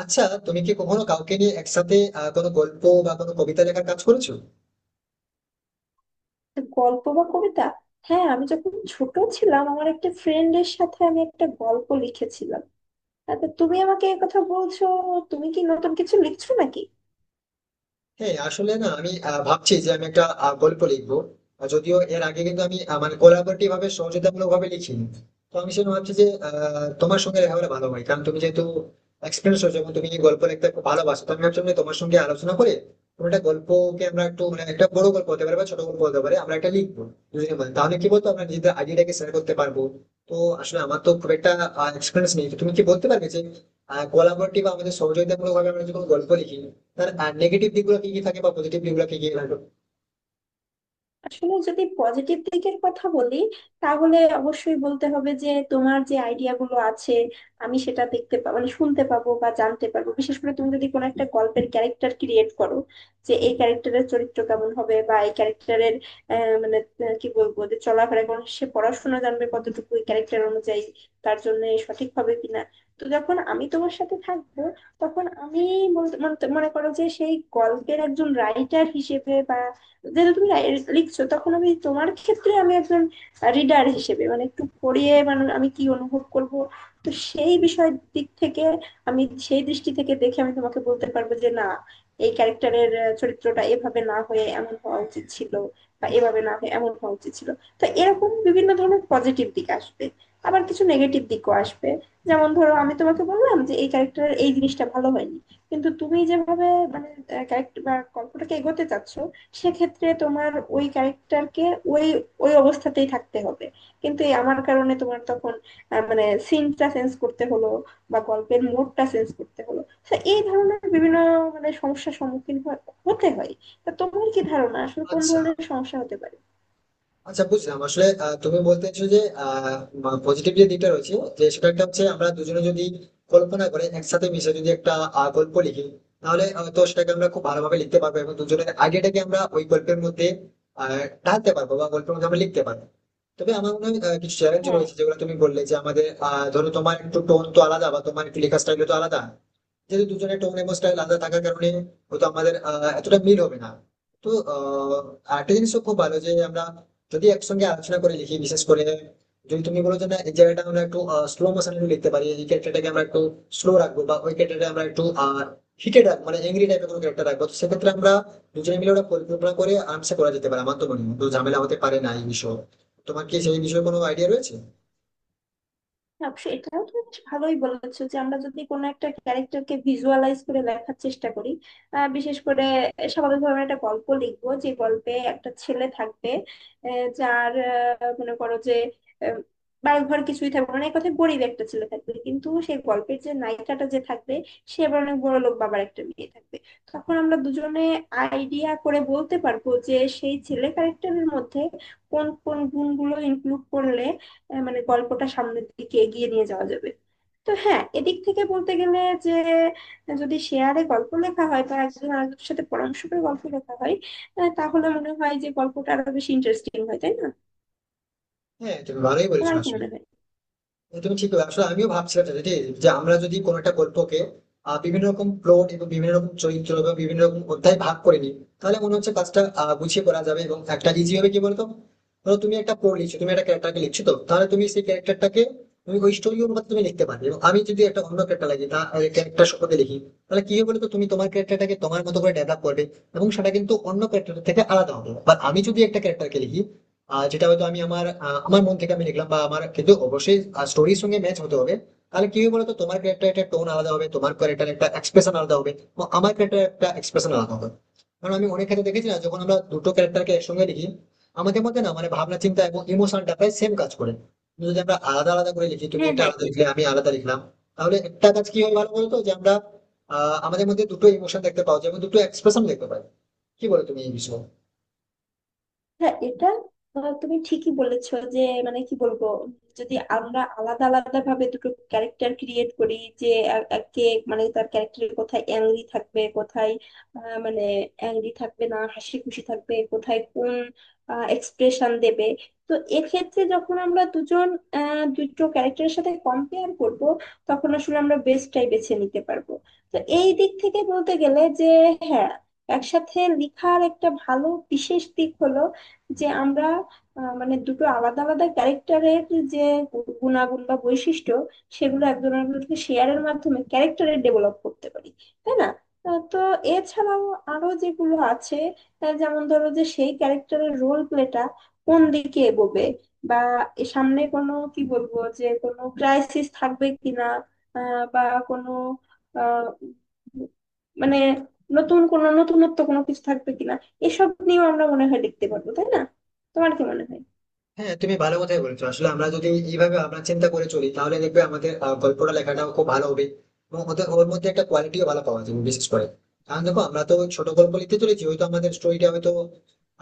আচ্ছা, তুমি কি কখনো কাউকে নিয়ে একসাথে কোনো গল্প বা কোনো কবিতা লেখার কাজ করেছো? গল্প বা কবিতা? হ্যাঁ, আমি যখন ছোট ছিলাম আমার একটা ফ্রেন্ডের সাথে আমি একটা গল্প লিখেছিলাম। আচ্ছা, তুমি আমাকে এই কথা বলছো? তুমি কি নতুন কিছু লিখছো নাকি? হ্যাঁ, আসলে না, আমি ভাবছি যে আমি একটা গল্প লিখবো। আর যদিও এর আগে কিন্তু আমি মানে কোলাবোরেটিভ ভাবে সহযোগিতামূলক ভাবে লিখিনি। তো আমি সেটা ভাবছি যে তোমার সঙ্গে লেখা হলে ভালো হয়, কারণ তুমি যেহেতু এক্সপিরিয়েন্স হয়েছে এবং তুমি গল্প লিখতে খুব ভালোবাসো। তো আমি ভাবছিলাম যে তোমার সঙ্গে আলোচনা করে কোনো একটা গল্পকে আমরা একটু মানে একটা বড় গল্প হতে পারে বা ছোট গল্প হতে পারে আমরা একটা লিখবো দুজনে মিলে। তাহলে কি বলতো, আমরা নিজেদের আইডিয়াটাকে শেয়ার করতে পারবো? তো আসলে আমার তো খুব একটা এক্সপিরিয়েন্স নেই, তো তুমি কি বলতে পারবে যে কোলাবোরেটিভ বা আমাদের সহযোগিতামূলক ভাবে আমরা যদি কোনো গল্প লিখি, তার নেগেটিভ দিকগুলো কি কি থাকে বা পজিটিভ দিকগুলো কি কি থাকে? আসলে যদি পজিটিভ দিকের কথা বলি, তাহলে অবশ্যই বলতে হবে যে তোমার যে আইডিয়া গুলো আছে আমি সেটা দেখতে পাবো, মানে শুনতে পাবো বা জানতে পারবো। বিশেষ করে তুমি যদি কোনো একটা গল্পের ক্যারেক্টার ক্রিয়েট করো যে এই ক্যারেক্টারের চরিত্র কেমন হবে বা এই ক্যারেক্টারের মানে কি বলবো, যে চলাফেরা কোন, সে পড়াশোনা জানবে কতটুকু, ক্যারেক্টার অনুযায়ী তার জন্য সঠিক হবে কিনা। তো যখন আমি তোমার সাথে থাকবো তখন আমি বলতে মানে মনে করো যে সেই গল্পের একজন রাইটার হিসেবে বা যেটা তুমি লিখছো, তখন আমি তোমার ক্ষেত্রে আমি একজন রিডার হিসেবে, মানে একটু পড়িয়ে মানে আমি কি অনুভব করব। তো সেই বিষয়ের দিক থেকে আমি সেই দৃষ্টি থেকে দেখে আমি তোমাকে বলতে পারবো যে না, এই ক্যারেক্টারের চরিত্রটা এভাবে না হয়ে এমন হওয়া উচিত ছিল, বা এভাবে না হয়ে এমন হওয়া উচিত ছিল। তো এরকম বিভিন্ন ধরনের পজিটিভ দিক আসবে, আবার কিছু নেগেটিভ দিকও আসবে। যেমন ধরো আমি তোমাকে বললাম যে এই ক্যারেক্টারের এই জিনিসটা ভালো হয়নি, কিন্তু তুমি যেভাবে মানে ক্যারেক্টার বা গল্পটাকে এগোতে চাচ্ছো, সেক্ষেত্রে তোমার ওই ক্যারেক্টারকে ওই ওই অবস্থাতেই থাকতে হবে। কিন্তু এই আমার কারণে তোমার তখন মানে সিনটা চেঞ্জ করতে হলো বা গল্পের মোডটা চেঞ্জ করতে হলো। তো এই ধরনের বিভিন্ন মানে সমস্যার হতে হয়। তা তোমার কি ধারণা আসলে কোন আচ্ছা, ধরনের সমস্যা হতে পারে? আচ্ছা, বুঝলাম। আসলে তুমি বলতেছো যে পজিটিভ যে দিকটা রয়েছে, যে সেটা একটা হচ্ছে আমরা দুজনে যদি কল্পনা করে একসাথে মিশে যদি একটা গল্প লিখি, তাহলে হয়তো সেটাকে আমরা খুব ভালোভাবে লিখতে পারবো এবং দুজনের আইডিয়াটাকে আমরা ওই গল্পের মধ্যে আহ ঢালতে পারবো বা গল্পের মধ্যে আমরা লিখতে পারবো। তবে আমার মনে হয় কিছু চ্যালেঞ্জ হ্যাঁ রয়েছে যেগুলো তুমি বললে যে আমাদের ধরো তোমার একটু টোন তো আলাদা বা তোমার একটু লেখার স্টাইল তো আলাদা। যেহেতু দুজনের টোন এবং স্টাইল আলাদা থাকার কারণে হয়তো আমাদের এতটা মিল হবে না। তো আরেকটা জিনিসও খুব ভালো যে আমরা যদি একসঙ্গে আলোচনা করে লিখি, বিশেষ করে যদি তুমি বলো যে না, এই জায়গাটা আমরা একটু স্লো মোশনে লিখতে পারি, এই ক্যারেক্টারটাকে আমরা একটু স্লো রাখবো বা ওই ক্যারেক্টারটা আমরা একটু হিটেড রাখবো, মানে এংরি টাইপের কোনো ক্যারেক্টার রাখবো। তো সেক্ষেত্রে আমরা দুজনে মিলে ওটা পরিকল্পনা করে আরামসে করা যেতে পারে। আমার তো মনে হয় তো ঝামেলা হতে পারে না এই বিষয়ে। তোমার কি সেই বিষয়ে কোনো আইডিয়া রয়েছে? হ্যাঁ, অবশ্য এটাও তুমি বেশ ভালোই বলেছো যে আমরা যদি কোনো একটা ক্যারেক্টারকে ভিজুয়ালাইজ করে লেখার চেষ্টা করি। বিশেষ করে স্বাভাবিকভাবে আমরা একটা গল্প লিখবো যে গল্পে একটা ছেলে থাকবে, যার মনে করো যে আহ, বাড়ি ঘর কিছুই থাকবে না, মানে এক কথায় গরিব একটা ছেলে থাকবে। কিন্তু সেই গল্পের যে নায়িকাটা যে থাকবে, সে আবার অনেক বড় লোক বাবার একটা মেয়ে থাকবে। তখন আমরা দুজনে আইডিয়া করে বলতে পারবো যে সেই ছেলে ক্যারেক্টারের মধ্যে কোন কোন গুণগুলো ইনক্লুড করলে মানে গল্পটা সামনের দিকে এগিয়ে নিয়ে যাওয়া যাবে। তো হ্যাঁ, এদিক থেকে বলতে গেলে যে যদি শেয়ারে গল্প লেখা হয় বা একজন আরেকজনের সাথে পরামর্শ করে গল্প লেখা হয়, তাহলে মনে হয় যে গল্পটা আরো বেশি ইন্টারেস্টিং হয়, তাই না? হ্যাঁ, তুমি ভালোই বলেছো। তোমার কি আসলে মনে হয়? না, তুমি ঠিক বলে আসলে আমিও ভাবছিলাম, এটা ঠিক, যে আমরা যদি কোনো একটা গল্পকে বিভিন্ন রকম প্লট এবং বিভিন্ন রকম চরিত্র এবং বিভিন্ন রকম অধ্যায় ভাগ করে নিই, তাহলে মনে হচ্ছে কাজটা গুছিয়ে করা যাবে এবং একটা ইজি হবে। কি বলতো, ধরো তুমি একটা প্লট লিখছো, তুমি একটা ক্যারেক্টারকে লিখছো, তো তাহলে তুমি সেই ক্যারেক্টারটাকে তুমি ওই স্টোরি অনুপাতে তুমি লিখতে পারবে, এবং আমি যদি একটা অন্য ক্যারেক্টার লাগি তা ক্যারেক্টার সম্পর্কে লিখি, তাহলে কি হবে বলতো? তুমি তোমার ক্যারেক্টারটাকে তোমার মতো করে ডেভেলপ করবে এবং সেটা কিন্তু অন্য ক্যারেক্টার থেকে আলাদা হবে। বা আমি যদি একটা ক্যারেক্টারকে লিখি যেটা হয়তো আমি আমার আমার মন থেকে আমি লিখলাম, বা আমার কিন্তু অবশ্যই স্টোরির সঙ্গে ম্যাচ হতে হবে। তাহলে কি হবে বলতো, তোমার ক্যারেক্টার একটা টোন আলাদা হবে, তোমার ক্যারেক্টার একটা এক্সপ্রেশন আলাদা হবে এবং আমার ক্যারেক্টার একটা এক্সপ্রেশন আলাদা হবে। কারণ আমি অনেক ক্ষেত্রে দেখেছি না, যখন আমরা দুটো ক্যারেক্টারকে একসঙ্গে লিখি, আমাদের মধ্যে না মানে ভাবনা চিন্তা এবং ইমোশনটা প্রায় সেম কাজ করে। কিন্তু যদি আমরা আলাদা আলাদা করে লিখি, তুমি হ্যাঁ, একটা হ্যাঁ। আলাদা লিখলে আমি আলাদা লিখলাম, তাহলে একটা কাজ কি হয় ভালো বলতো, যে আমরা আমাদের মধ্যে দুটো ইমোশন দেখতে পাওয়া যায় এবং দুটো এক্সপ্রেশন দেখতে পাই। কি বলো তুমি এই বিষয়ে? হ্যাঁ এটা তুমি ঠিকই বলেছো যে মানে কি বলবো, যদি আমরা আলাদা আলাদা ভাবে দুটো ক্যারেক্টার ক্রিয়েট করি যে একে মানে তার ক্যারেক্টারের কোথায় অ্যাংরি থাকবে কোথায় মানে অ্যাংরি থাকবে না হাসি খুশি থাকবে, কোথায় কোন এক্সপ্রেশন দেবে। তো এক্ষেত্রে যখন আমরা দুজন দুটো ক্যারেক্টারের সাথে কম্পেয়ার করব, তখন আসলে আমরা বেস্টটাই বেছে নিতে পারবো। তো এই দিক থেকে বলতে গেলে যে হ্যাঁ, একসাথে লেখার একটা ভালো বিশেষ দিক হলো যে আমরা মানে দুটো আলাদা আলাদা ক্যারেক্টারের যে গুণাগুণ বা বৈশিষ্ট্য, সেগুলো একজন আরেকজনকে শেয়ারের মাধ্যমে ক্যারেক্টারের ডেভেলপ করতে পারি, তাই না? তো এছাড়াও আরো যেগুলো আছে, যেমন ধরো যে সেই ক্যারেক্টারের রোল প্লেটা কোন দিকে এগোবে, বা এ সামনে কোনো কি বলবো, যে কোনো ক্রাইসিস থাকবে কিনা, বা কোনো আহ, মানে নতুন কোনো নতুনত্ব কোনো কিছু থাকবে কিনা, এসব নিয়েও আমরা মনে হয় লিখতে পারবো, তাই না? তোমার কি মনে হয়? হ্যাঁ, তুমি ভালো কথাই বলেছো। আসলে আমরা যদি এইভাবে আমরা চিন্তা করে চলি, তাহলে দেখবে আমাদের গল্পটা লেখাটাও খুব ভালো হবে এবং ওর মধ্যে একটা কোয়ালিটিও ভালো পাওয়া যাবে। বিশেষ করে কারণ দেখো, আমরা তো ছোট গল্প লিখতে চলেছি, হয়তো আমাদের স্টোরিটা হয়তো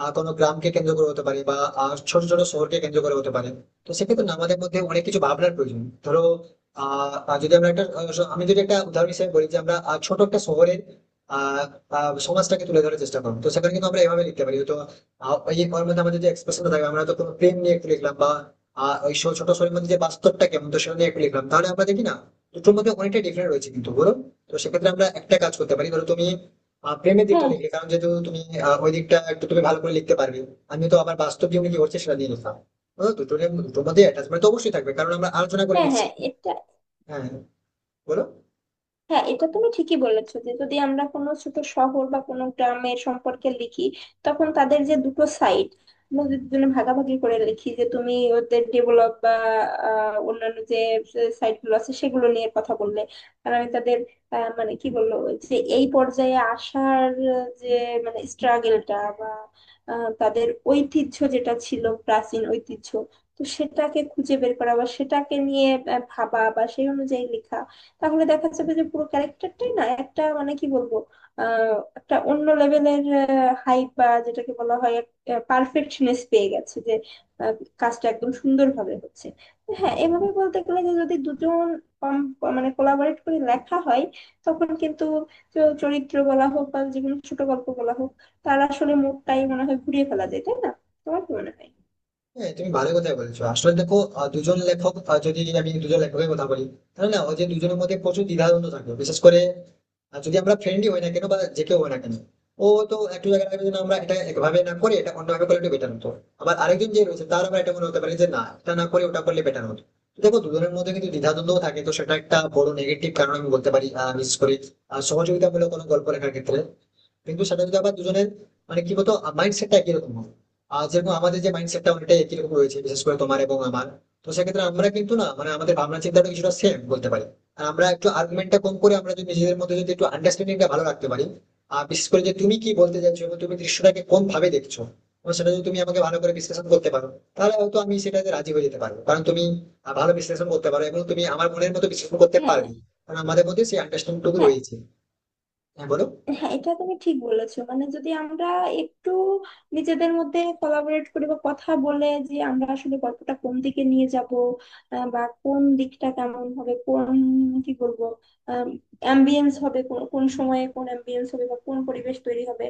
কোনো গ্রামকে কেন্দ্র করে হতে পারে বা ছোট ছোট শহরকে কেন্দ্র করে হতে পারে। তো সেক্ষেত্রে না আমাদের মধ্যে অনেক কিছু ভাবনার প্রয়োজন। ধরো, আহ আহ, যদি আমরা একটা আমি যদি একটা উদাহরণ হিসেবে বলি যে আমরা ছোট একটা শহরের আহ আহ, সমাজটাকে তুলে ধরার চেষ্টা করবো, তো সেখানে কিন্তু আমরা এভাবে লিখতে পারি তো। ওই ওর মধ্যে আমাদের যে এক্সপ্রেশনটা থাকবে, আমরা তো কোনো প্রেম নিয়ে একটু লিখলাম বা ওই ছোট ছোট শরীর মধ্যে যে বাস্তবটা কেমন তো সেটা নিয়ে একটু লিখলাম, তাহলে আমরা দেখি না দুটোর মধ্যে অনেকটা ডিফারেন্ট রয়েছে কিন্তু, বলো? তো সেক্ষেত্রে আমরা একটা কাজ করতে পারি, ধরো তুমি প্রেমের দিকটা হ্যাঁ, লিখলে, কারণ যেহেতু তুমি ওই দিকটা একটু তুমি ভালো করে লিখতে পারবে। আমি তো আবার বাস্তব জীবনে কি হচ্ছে সেটা নিয়ে লিখলাম। বুঝলো? দুটোর দুটোর মধ্যে অ্যাটাচমেন্ট তো অবশ্যই থাকবে, কারণ আমরা আলোচনা করে হ্যাঁ। লিখছি। হ্যাঁ, বলো। হ্যাঁ, এটা তুমি ঠিকই বলেছো যে যদি আমরা কোনো ছোট শহর বা কোনো গ্রামের সম্পর্কে লিখি, তখন তাদের যে দুটো সাইড আমরা যদি দুজনে ভাগাভাগি করে লিখি, যে তুমি ওদের ডেভেলপ বা অন্যান্য যে সাইট গুলো আছে সেগুলো নিয়ে কথা বললে, আর আমি তাদের মানে কি বললো, যে এই পর্যায়ে আসার যে মানে স্ট্রাগেলটা বা তাদের ঐতিহ্য যেটা ছিল প্রাচীন ঐতিহ্য, তো সেটাকে খুঁজে বের করা বা সেটাকে নিয়ে ভাবা বা সেই অনুযায়ী লেখা। তাহলে দেখা যাবে যে পুরো ক্যারেক্টারটাই না একটা মানে কি বলবো, একটা অন্য লেভেলের হাইপ বা যেটাকে বলা হয় পারফেকশনেস পেয়ে গেছে, যে আহ, কাজটা একদম সুন্দরভাবে হচ্ছে। তো হ্যাঁ, এভাবে বলতে গেলে যে যদি দুজন কম- মানে কোলাবরেট করে লেখা হয়, তখন কিন্তু চরিত্র বলা হোক বা যে কোনো ছোট গল্প বলা হোক, তার আসলে মুডটাই মনে হয় ঘুরিয়ে ফেলা যায়, তাই না? তোমার কি মনে হয়? হ্যাঁ, তুমি ভালো কথাই বলেছো। আসলে দেখো, দুজন লেখক যদি আমি দুজন লেখকের কথা বলি, তাহলে না ওই যে দুজনের মধ্যে প্রচুর দ্বিধাদ্বন্দ্ব থাকবে। বিশেষ করে যদি আমরা ফ্রেন্ডলি হই না কেন বা যে কেউ হই না কেন, ও তো একটু জায়গায় থাকবে যে না, আমরা এটা একভাবে না করে এটা অন্যভাবে করলে একটু বেটার হতো। আবার আরেকজন যে রয়েছে তার আবার এটা মনে হতে পারে যে না, এটা না করে ওটা করলে বেটার হতো। তো দেখো, দুজনের মধ্যে কিন্তু দ্বিধাদ্বন্দ্ব থাকে, তো সেটা একটা বড় নেগেটিভ কারণ আমি বলতে পারি বিশেষ করে সহযোগিতামূলক কোনো গল্প লেখার ক্ষেত্রে। কিন্তু সেটা যদি আবার দুজনের মানে কি বলতো মাইন্ডসেটটা একই রকম হয়, যেরকম আমাদের যে মাইন্ডসেটটা অনেকটাই একই রকম রয়েছে, বিশেষ করে তোমার এবং আমার, তো সেক্ষেত্রে আমরা কিন্তু না মানে আমাদের ভাবনা চিন্তাটা কিছুটা সেম বলতে পারি। আর আমরা একটু আর্গুমেন্টটা কম করে আমরা যদি নিজেদের মধ্যে যদি একটু আন্ডারস্ট্যান্ডিংটা ভালো রাখতে পারি, আর বিশেষ করে যে তুমি কি বলতে চাইছো এবং তুমি দৃশ্যটাকে কোন ভাবে দেখছো, এবং সেটা যদি তুমি আমাকে ভালো করে বিশ্লেষণ করতে পারো, তাহলে হয়তো আমি সেটাতে রাজি হয়ে যেতে পারবো, কারণ তুমি ভালো বিশ্লেষণ করতে পারো এবং তুমি আমার মনের মতো বিশ্লেষণ করতে হ্যাঁ, পারবে, কারণ আমাদের মধ্যে সেই আন্ডারস্ট্যান্ডিংটুকু হ্যাঁ। রয়েছে। হ্যাঁ, বলো। হ্যাঁ এটা তুমি ঠিক বলেছো, মানে যদি আমরা একটু নিজেদের মধ্যে কোলাবরেট করি বা কথা বলে যে আমরা আসলে গল্পটা কোন দিকে নিয়ে যাব, বা কোন দিকটা কেমন হবে, কোন কি বলবো অ্যাম্বিয়েন্স হবে, কোন কোন সময়ে কোন অ্যাম্বিয়েন্স হবে বা কোন পরিবেশ তৈরি হবে,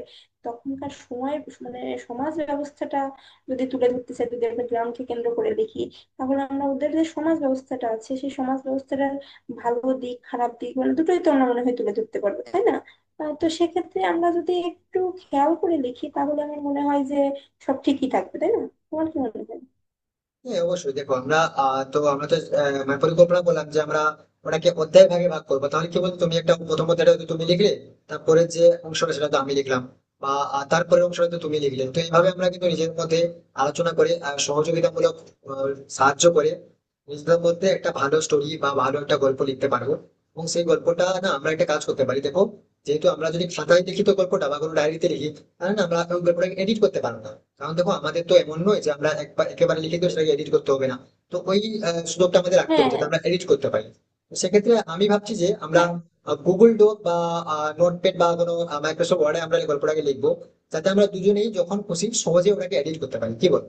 তখনকার সময়ের মানে সমাজ ব্যবস্থাটা যদি তুলে ধরতে চাই, যদি একটা গ্রামকে কেন্দ্র করে দেখি, তাহলে আমরা ওদের যে সমাজ ব্যবস্থাটা আছে সেই সমাজ ব্যবস্থাটার ভালো দিক খারাপ দিক মানে দুটোই তো আমরা মনে হয় তুলে ধরতে পারবো, তাই না? তো সেক্ষেত্রে আমরা যদি একটু খেয়াল করে লিখি, তাহলে আমার মনে হয় যে সব ঠিকই থাকবে, তাই না? তোমার কি মনে হয়? হ্যাঁ, অবশ্যই। দেখো আমরা আহ, তো আমরা তো আহ, মানে পরিকল্পনা করলাম যে আমরা ওটাকে অধ্যায় ভাগে ভাগ করবো। তাহলে কি বলতো, তুমি একটা প্রথম অধ্যায়টা হয়তো তুমি লিখলে, তারপরে যে অংশটা সেটা তো আমি লিখলাম, বা তারপরের অংশটা তো তুমি লিখলে। তো এইভাবে আমরা কিন্তু নিজের মধ্যে আলোচনা করে সহযোগিতামূলক আহ, সাহায্য করে নিজেদের মধ্যে একটা ভালো স্টোরি বা ভালো একটা গল্প লিখতে পারবো। এবং সেই গল্পটা না আমরা একটা কাজ করতে পারি, দেখো যেহেতু আমরা যদি খাতায় লিখিত গল্পটা বা কোনো ডায়েরিতে লিখি, তাহলে না আমরা ওই গল্পটাকে এডিট করতে পারবো না। কারণ দেখো, আমাদের তো এমন নয় যে আমরা একবার একেবারে লিখে তো সেটাকে এডিট করতে হবে না। তো ওই সুযোগটা আমাদের রাখতে হ্যাঁ, হবে যাতে হ্যাঁ। আমরা এডিট করতে পারি। তো সেক্ষেত্রে আমি ভাবছি যে আমরা হ্যাঁ, গুগল ডক বা নোটপ্যাড বা কোনো মাইক্রোসফট ওয়ার্ডে আমরা এই গল্পটাকে লিখবো, যাতে আমরা দুজনেই যখন খুশি সহজে ওটাকে এডিট করতে পারি, কি বল?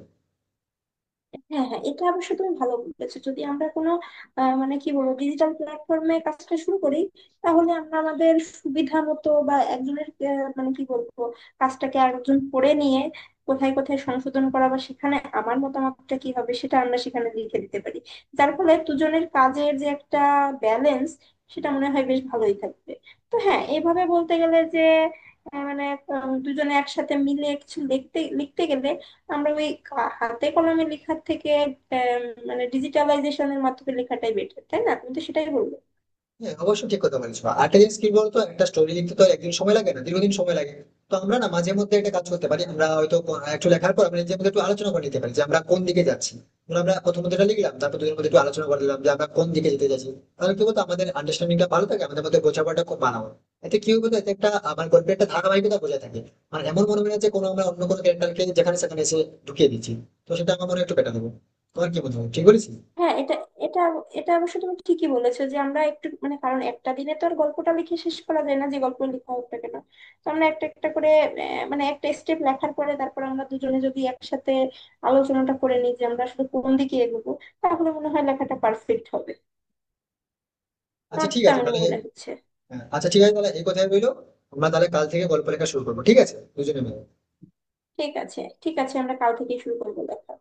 হ্যাঁ, হ্যাঁ, এটা অবশ্য তুমি ভালো বলেছো। যদি আমরা কোনো মানে কি বলবো ডিজিটাল প্ল্যাটফর্মে কাজটা শুরু করি, তাহলে আমরা আমাদের সুবিধা মতো বা একজনের মানে কি বলবো কাজটাকে আরেকজন পড়ে নিয়ে কোথায় কোথায় সংশোধন করা বা সেখানে আমার মতামতটা কি হবে সেটা আমরা সেখানে লিখে দিতে পারি, যার ফলে দুজনের কাজের যে একটা ব্যালেন্স সেটা মনে হয় বেশ ভালোই থাকবে। তো হ্যাঁ, এভাবে বলতে গেলে যে মানে দুজনে একসাথে মিলে কিছু লিখতে লিখতে গেলে আমরা ওই হাতে কলমে লেখার থেকে আম, মানে ডিজিটালাইজেশনের মাধ্যমে লেখাটাই বেটার, তাই না? তুমি তো সেটাই বললে। হ্যাঁ, অবশ্যই ঠিক কথা বলেছো। আরেকটা জিনিস কি বলতো, একটা স্টোরি লিখতে তো একদিন সময় লাগে না, দীর্ঘদিন সময় লাগে। তো আমরা না মাঝে মধ্যে একটা কাজ করতে পারি, আমরা হয়তো একটু লেখার পর আমরা নিজের মধ্যে একটু আলোচনা করে নিতে পারি যে আমরা কোন দিকে যাচ্ছি। ধরো আমরা প্রথমত এটা লিখলাম, তারপর দুজনের মধ্যে একটু আলোচনা করে নিলাম যে আমরা কোন দিকে যেতে যাচ্ছি। তাহলে কি বলতো, আমাদের আন্ডারস্ট্যান্ডিংটা ভালো থাকে, আমাদের মধ্যে বোঝাপড়াটা খুব ভালো হয়। এতে কি হবে তো, এতে একটা আমার গল্পে একটা ধারাবাহিকতা বজায় থাকে। মানে এমন মনে হয় না যে কোনো আমরা অন্য কোনো ক্যারেক্টারকে যেখানে সেখানে এসে ঢুকিয়ে দিচ্ছি। তো সেটা আমার মনে হয় একটু বেটার হবে। তোমার কি মনে হয়, ঠিক বলেছি? হ্যাঁ এটা এটা এটা অবশ্য তুমি ঠিকই বলেছো যে আমরা একটু মানে, কারণ একটা দিনে তো আর গল্পটা লিখে শেষ করা যায় না, যে গল্প লেখা হোক না কেন। তো আমরা একটা একটা করে মানে একটা স্টেপ লেখার পরে তারপর আমরা দুজনে যদি একসাথে আলোচনাটা করে নিই যে আমরা আসলে কোন দিকে এগোবো, তাহলে মনে হয় লেখাটা পারফেক্ট হবে। আচ্ছা, আমার তো ঠিক আছে তেমনই তাহলে। মনে হচ্ছে। হ্যাঁ, আচ্ছা, ঠিক আছে তাহলে এই কথাই রইলো। আমরা তাহলে কাল থেকে গল্প লেখা শুরু করবো, ঠিক আছে, দুজনে মিলে। ঠিক আছে, ঠিক আছে, আমরা কাল থেকেই শুরু করবো লেখা।